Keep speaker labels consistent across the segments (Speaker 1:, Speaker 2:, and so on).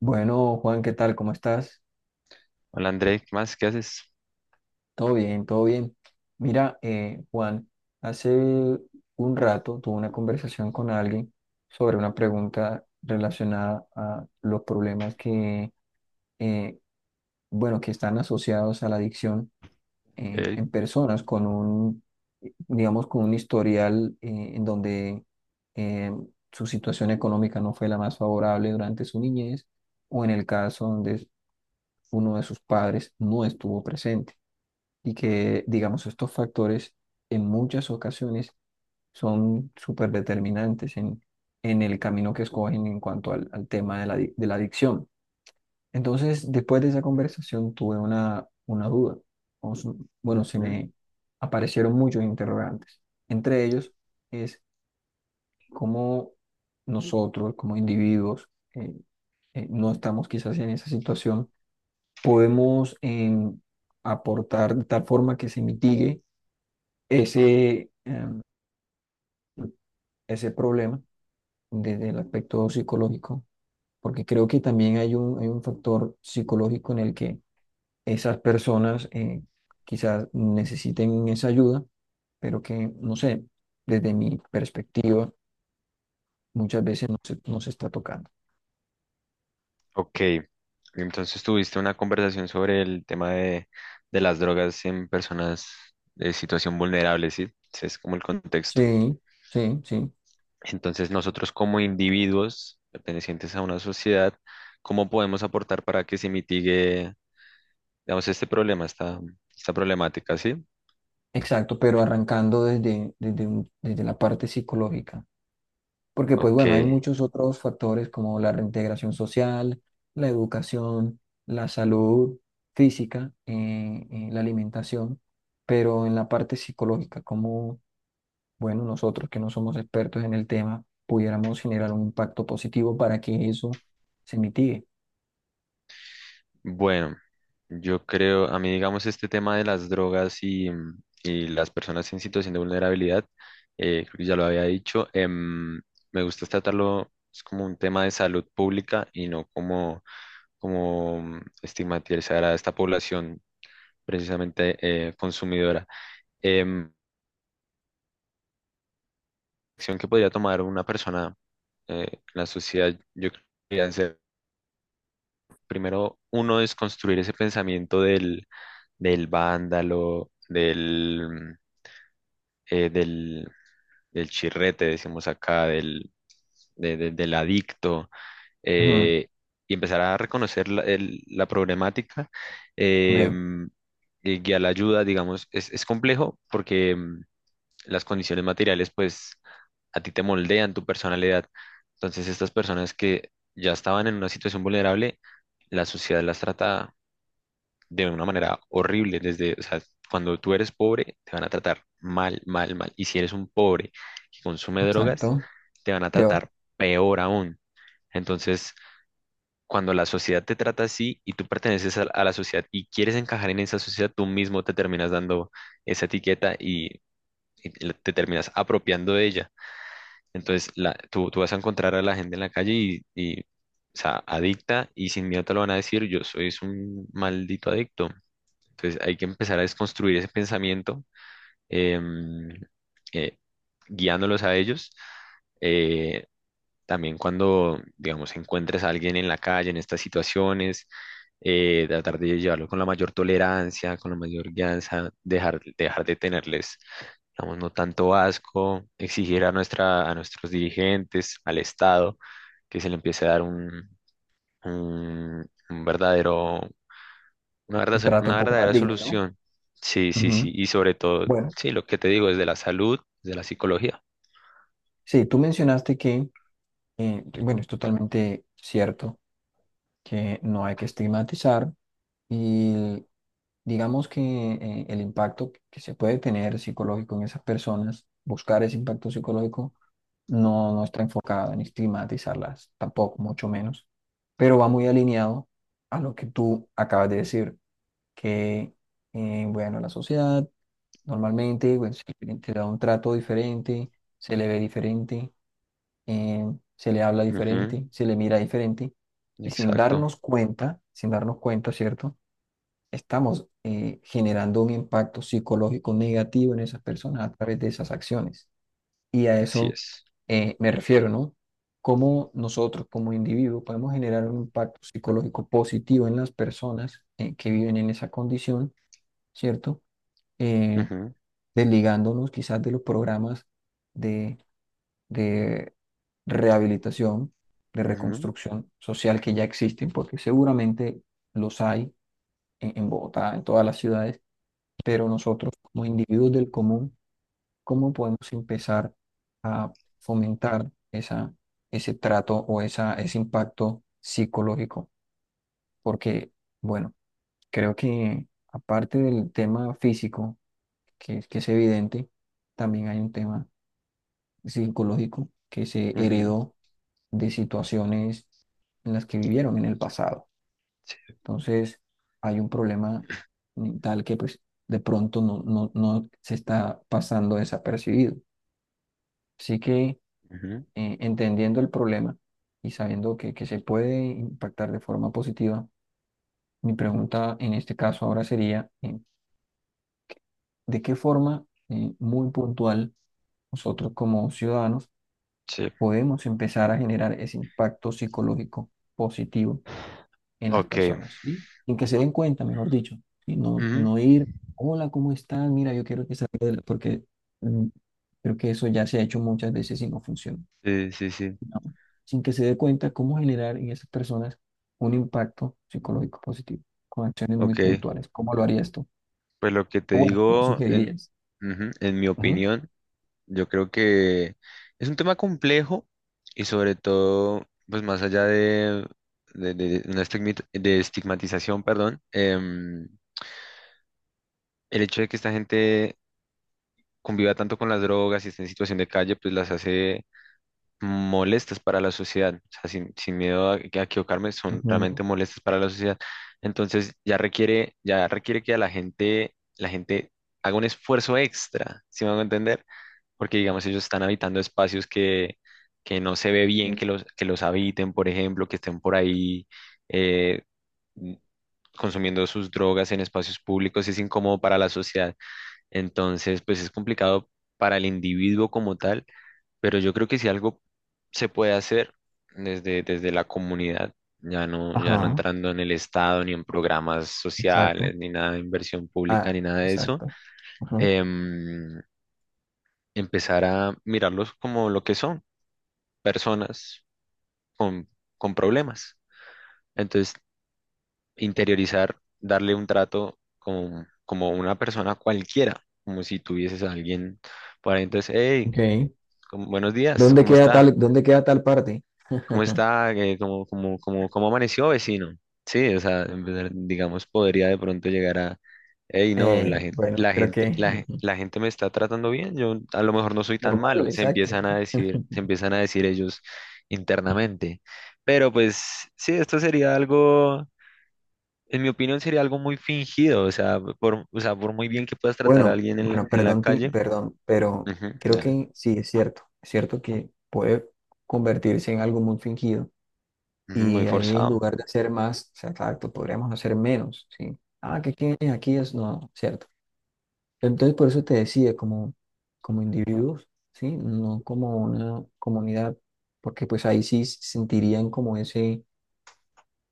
Speaker 1: Bueno, Juan, ¿qué tal? ¿Cómo estás?
Speaker 2: Hola André, ¿qué más? ¿Qué haces?
Speaker 1: Todo bien, todo bien. Mira, Juan, hace un rato tuve una conversación con alguien sobre una pregunta relacionada a los problemas que, eh, bueno, que están asociados a la adicción en
Speaker 2: Ok.
Speaker 1: personas digamos, con un historial en donde eh, su situación económica no fue la más favorable durante su niñez o en el caso donde uno de sus padres no estuvo presente. Y que, digamos, estos factores en muchas ocasiones son súper determinantes en el camino que escogen en cuanto al tema de de la adicción. Entonces, después de esa conversación tuve una duda. Bueno, se
Speaker 2: Ujú.
Speaker 1: me aparecieron muchos interrogantes. Entre ellos es cómo nosotros, como individuos, eh, no estamos quizás en esa situación, podemos aportar de tal forma que se mitigue ese, ese problema desde el aspecto psicológico, porque creo que también hay un factor psicológico en el que esas personas quizás necesiten esa ayuda, pero que, no sé, desde mi perspectiva, muchas veces no se está tocando.
Speaker 2: Ok, entonces tuviste una conversación sobre el tema de las drogas en personas de situación vulnerable, ¿sí? Ese es como el contexto.
Speaker 1: Sí, sí, sí,
Speaker 2: Entonces, nosotros, como individuos pertenecientes a una sociedad, ¿cómo podemos aportar para que se mitigue, digamos, este problema, esta problemática? ¿Sí?
Speaker 1: exacto, pero arrancando desde la parte psicológica. Porque pues
Speaker 2: Ok.
Speaker 1: bueno, hay muchos otros factores como la reintegración social, la educación, la salud física, la alimentación, pero en la parte psicológica, como bueno, nosotros que no somos expertos en el tema, pudiéramos generar un impacto positivo para que eso se mitigue.
Speaker 2: Bueno, yo creo, a mí, digamos, este tema de las drogas y las personas en situación de vulnerabilidad, creo que ya lo había dicho. Me gusta tratarlo es como un tema de salud pública y no como, estigmatizar a esta población, precisamente, consumidora. Em, Acción que podría tomar una persona en la sociedad, yo creo que podrían ser: primero, uno es construir ese pensamiento del vándalo, eh, del, del chirrete, decimos acá, del adicto,
Speaker 1: Ujú.
Speaker 2: eh, y empezar a reconocer la problemática,
Speaker 1: Ok,
Speaker 2: em, y guiar la ayuda. Digamos, es complejo porque em, las condiciones materiales, pues, a ti te moldean tu personalidad. Entonces, estas personas que ya estaban en una situación vulnerable, la sociedad las trata de una manera horrible. Desde, o sea, cuando tú eres pobre, te van a tratar mal, mal, mal. Y si eres un pobre que consume drogas,
Speaker 1: exacto.
Speaker 2: te van a
Speaker 1: Peor.
Speaker 2: tratar peor aún. Entonces, cuando la sociedad te trata así y tú perteneces a la sociedad y quieres encajar en esa sociedad, tú mismo te terminas dando esa etiqueta y te terminas apropiando de ella. Entonces, tú vas a encontrar a la gente en la calle y, o sea, adicta, y sin miedo te lo van a decir: yo soy un maldito adicto. Entonces, hay que empezar a desconstruir ese pensamiento, em, eh, guiándolos a ellos. Eh, también, cuando, digamos, encuentres a alguien en la calle, en estas situaciones, tratar de llevarlo con la mayor tolerancia, con la mayor guianza, dejar de tenerles, digamos, no tanto asco, exigir a nuestros dirigentes, al Estado, que se le empiece a dar un verdadero,
Speaker 1: Un trato un
Speaker 2: una
Speaker 1: poco más
Speaker 2: verdadera
Speaker 1: digno, ¿no?
Speaker 2: solución. Sí, sí,
Speaker 1: Ujú.
Speaker 2: sí. Y sobre todo,
Speaker 1: Bueno,
Speaker 2: sí, lo que te digo, desde la salud, de la psicología.
Speaker 1: sí, tú mencionaste que, bueno, es totalmente cierto que no hay que estigmatizar y digamos que el impacto que se puede tener psicológico en esas personas, buscar ese impacto psicológico, no está enfocado en estigmatizarlas, tampoco, mucho menos, pero va muy alineado a lo que tú acabas de decir, que, bueno, la sociedad normalmente, bueno, se le da un trato diferente, se le ve diferente, eh, se le habla
Speaker 2: Ujú.
Speaker 1: diferente, se le mira diferente, y sin
Speaker 2: Exacto,
Speaker 1: darnos cuenta, sin darnos cuenta, ¿cierto? Estamos generando un impacto psicológico negativo en esas personas a través de esas acciones. Y a
Speaker 2: así
Speaker 1: eso
Speaker 2: es.
Speaker 1: me refiero, ¿no? Cómo nosotros como individuo podemos generar un impacto psicológico positivo en las personas que viven en esa condición, ¿cierto? eh,
Speaker 2: Ujú,
Speaker 1: Desligándonos quizás de los programas de, de rehabilitación, de
Speaker 2: ujú,
Speaker 1: reconstrucción social que ya existen, porque seguramente los hay en Bogotá, en todas las ciudades, pero nosotros como individuos del común, ¿cómo podemos empezar a fomentar ese trato o ese impacto psicológico? Porque, bueno, creo que aparte del tema físico, que es evidente, también hay un tema psicológico que se
Speaker 2: ujú.
Speaker 1: heredó de situaciones en las que vivieron en el pasado.
Speaker 2: Sí,
Speaker 1: Entonces, hay un problema mental que pues de pronto no se está pasando desapercibido. Así que
Speaker 2: ujú,
Speaker 1: entendiendo el problema y sabiendo que se puede impactar de forma positiva, mi pregunta en este caso ahora sería, ¿de qué forma muy puntual nosotros como ciudadanos
Speaker 2: sí.
Speaker 1: podemos empezar a generar ese impacto psicológico positivo en las
Speaker 2: Ok.
Speaker 1: personas, ¿sí? Sin que se den cuenta, mejor dicho, y
Speaker 2: Ujú.
Speaker 1: no ir, hola, ¿cómo están? Mira, yo quiero que salga de la-", porque mm, creo que eso ya se ha hecho muchas veces y no funciona,
Speaker 2: Sí, sí, sí.
Speaker 1: ¿no? Sin que se dé cuenta cómo generar en esas personas un impacto psicológico positivo, con acciones muy
Speaker 2: Ok.
Speaker 1: puntuales. ¿Cómo lo harías tú?
Speaker 2: Pues lo que te
Speaker 1: O bueno, ¿cómo
Speaker 2: digo,
Speaker 1: sugerirías?
Speaker 2: ujú, en mi
Speaker 1: Ujú,
Speaker 2: opinión, yo creo que es un tema complejo, y, sobre todo, pues más allá de, de una de estigmatización, perdón. Em, el hecho de que esta gente conviva tanto con las drogas y esté en situación de calle, pues, las hace molestas para la sociedad. O sea, sin miedo a equivocarme, son
Speaker 1: ujú.
Speaker 2: realmente molestas para la sociedad. Entonces, ya requiere que a la gente haga un esfuerzo extra, si me van a entender? Porque, digamos, ellos están habitando espacios que no se ve bien que los habiten, por ejemplo, que estén por ahí eh, consumiendo sus drogas en espacios públicos. Es incómodo para la sociedad. Entonces, pues, es complicado para el individuo como tal, pero yo creo que si algo se puede hacer desde, desde la comunidad, ya no, ya no
Speaker 1: Ajá,
Speaker 2: entrando en el Estado, ni en programas
Speaker 1: exacto.
Speaker 2: sociales, ni nada de inversión pública,
Speaker 1: Ah,
Speaker 2: ni nada de eso,
Speaker 1: exacto. Ajá,
Speaker 2: em, empezar a mirarlos como lo que son: personas con, con problemas. Entonces, interiorizar, darle un trato como, como una persona cualquiera, como si tuvieses a alguien por ahí, entonces, hey,
Speaker 1: ok.
Speaker 2: buenos días, ¿cómo está?
Speaker 1: Dónde queda tal parte?
Speaker 2: ¿Cómo está? ¿Cómo amaneció, vecino? Sí, o sea, en verdad, digamos, podría de pronto llegar a, hey, no, la gente,
Speaker 1: Bueno,
Speaker 2: la
Speaker 1: creo
Speaker 2: gente,
Speaker 1: que
Speaker 2: la, gen- la gente me está tratando bien, yo a lo mejor no soy tan
Speaker 1: normal,
Speaker 2: malo,
Speaker 1: exacto.
Speaker 2: se empiezan a decir ellos internamente. Pero, pues, sí, esto sería algo, en mi opinión, sería algo muy fingido. O sea, o sea, por muy bien que puedas tratar a
Speaker 1: Bueno,
Speaker 2: alguien
Speaker 1: bueno,
Speaker 2: en la
Speaker 1: perdón,
Speaker 2: calle.
Speaker 1: perdón, pero
Speaker 2: Ujú,
Speaker 1: creo
Speaker 2: claro.
Speaker 1: que sí, es cierto. Es cierto que puede convertirse en algo muy fingido.
Speaker 2: Ujú,
Speaker 1: Y
Speaker 2: muy
Speaker 1: ahí en
Speaker 2: forzado.
Speaker 1: lugar de hacer más, o sea, exacto, podríamos hacer menos, ¿sí? Ah, que aquí, aquí es no, ¿cierto? Entonces, por eso te decía, como, como individuos, ¿sí? No como una comunidad, porque pues ahí sí sentirían como ese,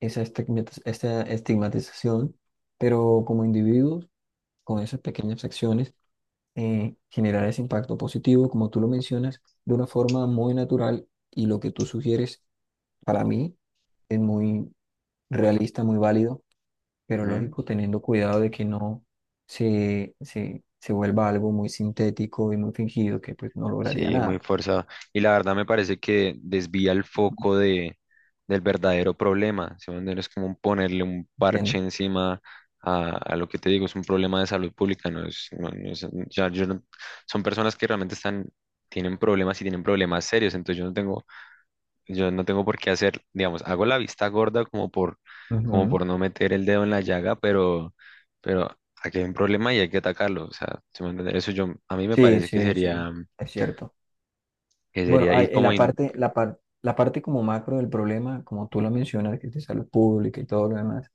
Speaker 1: esta estigmatización, pero como individuos, con esas pequeñas acciones, generar ese impacto positivo, como tú lo mencionas, de una forma muy natural y lo que tú sugieres para mí es muy realista, muy válido pero
Speaker 2: Ujú.
Speaker 1: lógico, teniendo cuidado de que no se vuelva algo muy sintético y muy fingido, que pues no lograría
Speaker 2: Sí, muy
Speaker 1: nada.
Speaker 2: forzado. Y la verdad me parece que desvía el
Speaker 1: ¿No?
Speaker 2: foco del verdadero problema. ¿Sí me entiendes? Es como un ponerle un
Speaker 1: ¿Entiendes?
Speaker 2: parche encima a lo que te digo: es un problema de salud pública. No es, no- no es- ya yo no- Son personas que realmente tienen problemas, y tienen problemas serios. Entonces, yo no tengo, por qué hacer, digamos, hago la vista gorda, como por, como
Speaker 1: Ujú.
Speaker 2: por no meter el dedo en la llaga, pero aquí hay un problema y hay que atacarlo. O sea, ¿sí me entiendes? Eso, a mí me
Speaker 1: Sí,
Speaker 2: parece que
Speaker 1: sí, sí,
Speaker 2: sería,
Speaker 1: es cierto. Bueno,
Speaker 2: y
Speaker 1: en
Speaker 2: como...
Speaker 1: la parte, la parte como macro del problema, como tú lo mencionas, que es de salud pública y todo lo demás,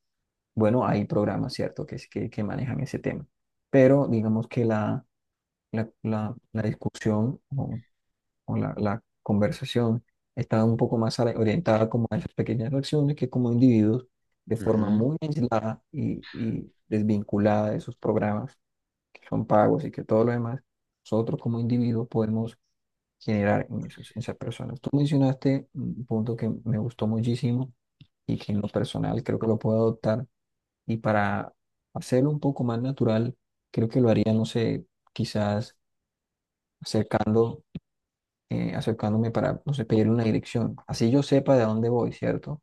Speaker 1: bueno, hay programas, ¿cierto?, que manejan ese tema. Pero digamos que la discusión, o la conversación estaba un poco más orientada como a esas pequeñas acciones que como individuos, de forma
Speaker 2: ujú.
Speaker 1: muy aislada y desvinculada de esos programas, que son pagos y que todo lo demás, nosotros como individuos podemos generar en en esas personas. Tú mencionaste un punto que me gustó muchísimo y que en lo personal creo que lo puedo adoptar y para hacerlo un poco más natural, creo que lo haría, no sé, quizás acercando acercándome para, no sé, pedirle una dirección. Así yo sepa de dónde voy, ¿cierto?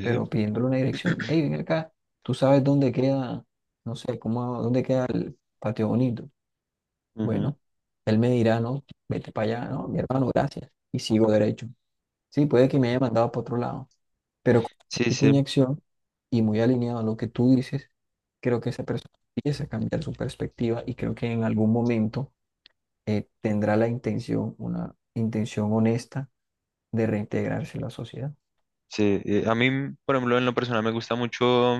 Speaker 1: Pero pidiéndole una dirección. Hey, ven acá, tú sabes dónde queda, no sé, cómo, dónde queda el patio bonito.
Speaker 2: Ujú.
Speaker 1: Bueno, él me dirá, no, vete para allá, no, mi hermano, gracias. Y sigo derecho. Sí, puede que me haya mandado para otro lado, pero con esa
Speaker 2: Sí,
Speaker 1: pequeña
Speaker 2: sí,
Speaker 1: acción y muy alineado a lo que tú dices, creo que esa persona empieza a cambiar su perspectiva y creo que en algún momento tendrá la intención, una intención honesta de reintegrarse a la sociedad.
Speaker 2: sí. A mí, por ejemplo, en lo personal me gusta mucho,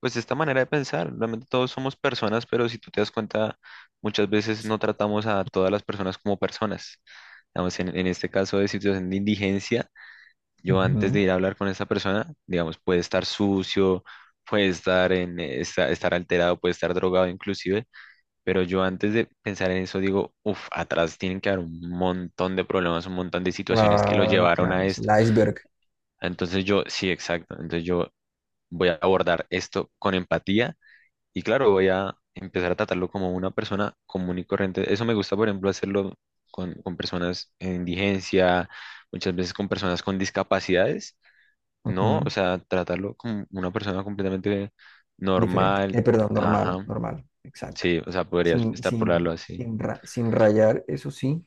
Speaker 2: pues, esta manera de pensar. Realmente todos somos personas, pero, si tú te das cuenta, muchas veces no tratamos a todas las personas como personas. Digamos, en este caso de situación de indigencia, yo, antes
Speaker 1: Ujú.
Speaker 2: de ir a hablar con esa persona, digamos, puede estar sucio, puede estar estar alterado, puede estar drogado inclusive. Pero, yo, antes de pensar en eso, digo, uff, atrás tienen que haber un montón de problemas, un montón de situaciones que lo
Speaker 1: Claro,
Speaker 2: llevaron
Speaker 1: claro,
Speaker 2: a
Speaker 1: es el
Speaker 2: esto.
Speaker 1: iceberg.
Speaker 2: Sí, exacto. Entonces, yo voy a abordar esto con empatía, y, claro, voy a empezar a tratarlo como una persona común y corriente. Eso me gusta, por ejemplo, hacerlo con personas en indigencia, muchas veces con personas con discapacidades, ¿no? O
Speaker 1: Ujú.
Speaker 2: sea, tratarlo como una persona completamente
Speaker 1: Diferente.
Speaker 2: normal.
Speaker 1: Perdón, normal,
Speaker 2: Ajá,
Speaker 1: normal, exacto.
Speaker 2: sí, o sea, podrías
Speaker 1: Sin,
Speaker 2: extrapolarlo
Speaker 1: sin,
Speaker 2: así.
Speaker 1: sin, ra- sin rayar, eso sí,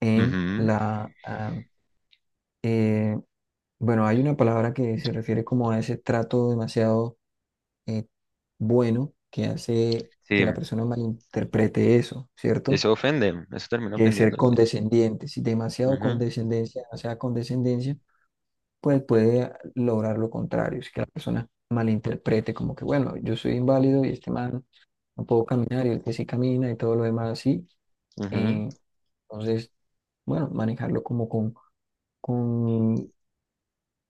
Speaker 1: en la... ah, eh, bueno, hay una palabra que se refiere como a ese trato demasiado, eh, bueno, que hace que
Speaker 2: Sí,
Speaker 1: la persona malinterprete eso, ¿cierto?
Speaker 2: eso ofende, eso termina
Speaker 1: Que es ser
Speaker 2: ofendiendo.
Speaker 1: condescendiente. Si demasiado
Speaker 2: Ujú,
Speaker 1: condescendencia, demasiada condescendencia pues puede lograr lo contrario, es que la persona malinterprete como que, bueno, yo soy inválido y este man no puedo caminar y el que sí camina y todo lo demás así.
Speaker 2: ujú.
Speaker 1: Eh, entonces, bueno, manejarlo como con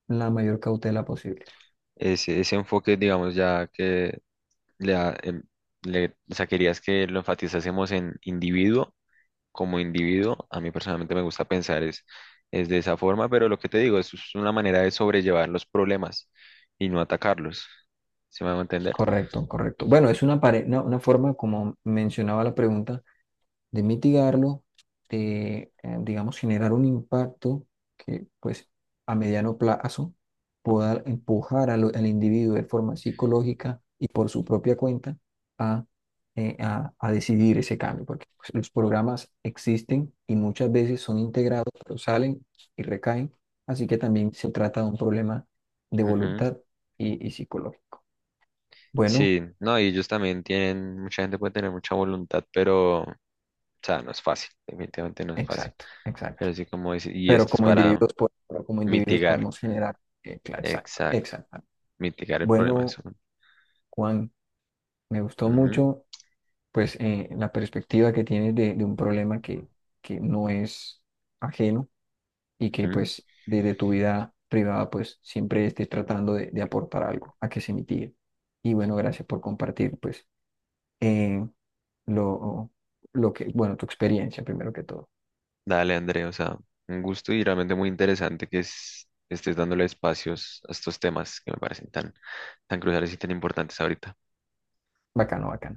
Speaker 1: la mayor cautela posible.
Speaker 2: Ese enfoque, digamos, ya que le, da, em, le, o sea, querías que lo enfatizásemos en individuo, como individuo, a mí, personalmente, me gusta pensar es de esa forma, pero, lo que te digo, eso es una manera de sobrellevar los problemas y no atacarlos. ¿Se me va a entender?
Speaker 1: Correcto, correcto. Bueno, es una forma, como mencionaba la pregunta, de mitigarlo, de, digamos, generar un impacto que, pues, a mediano plazo pueda empujar al individuo de forma psicológica y por su propia cuenta a, a decidir ese cambio, porque pues, los programas existen y muchas veces son integrados, pero salen y recaen, así que también se trata de un problema de
Speaker 2: Ujú.
Speaker 1: voluntad y psicológico. Bueno,
Speaker 2: Sí, no, y ellos también mucha gente puede tener mucha voluntad, pero, o sea, no es fácil, definitivamente no es fácil.
Speaker 1: exacto, exacto.
Speaker 2: Pero, sí, como dice, y
Speaker 1: Pero
Speaker 2: esto es
Speaker 1: como
Speaker 2: para
Speaker 1: individuos, pero como individuos
Speaker 2: mitigar,
Speaker 1: podemos generar. Exacto,
Speaker 2: exacto,
Speaker 1: exacto.
Speaker 2: mitigar el problema.
Speaker 1: Bueno,
Speaker 2: Eso.
Speaker 1: Juan, me gustó
Speaker 2: Ujú,
Speaker 1: mucho pues la perspectiva que tienes de un problema que no es ajeno y que
Speaker 2: ujú.
Speaker 1: pues desde tu vida privada pues siempre estés tratando de aportar algo a que se mitigue. Y bueno, gracias por compartir pues eh, lo, lo que, bueno, tu experiencia primero que todo.
Speaker 2: Dale, André, o sea, un gusto, y realmente muy interesante que estés dándole espacios a estos temas que me parecen tan, tan cruciales y tan importantes ahorita.
Speaker 1: Bacano, bacano.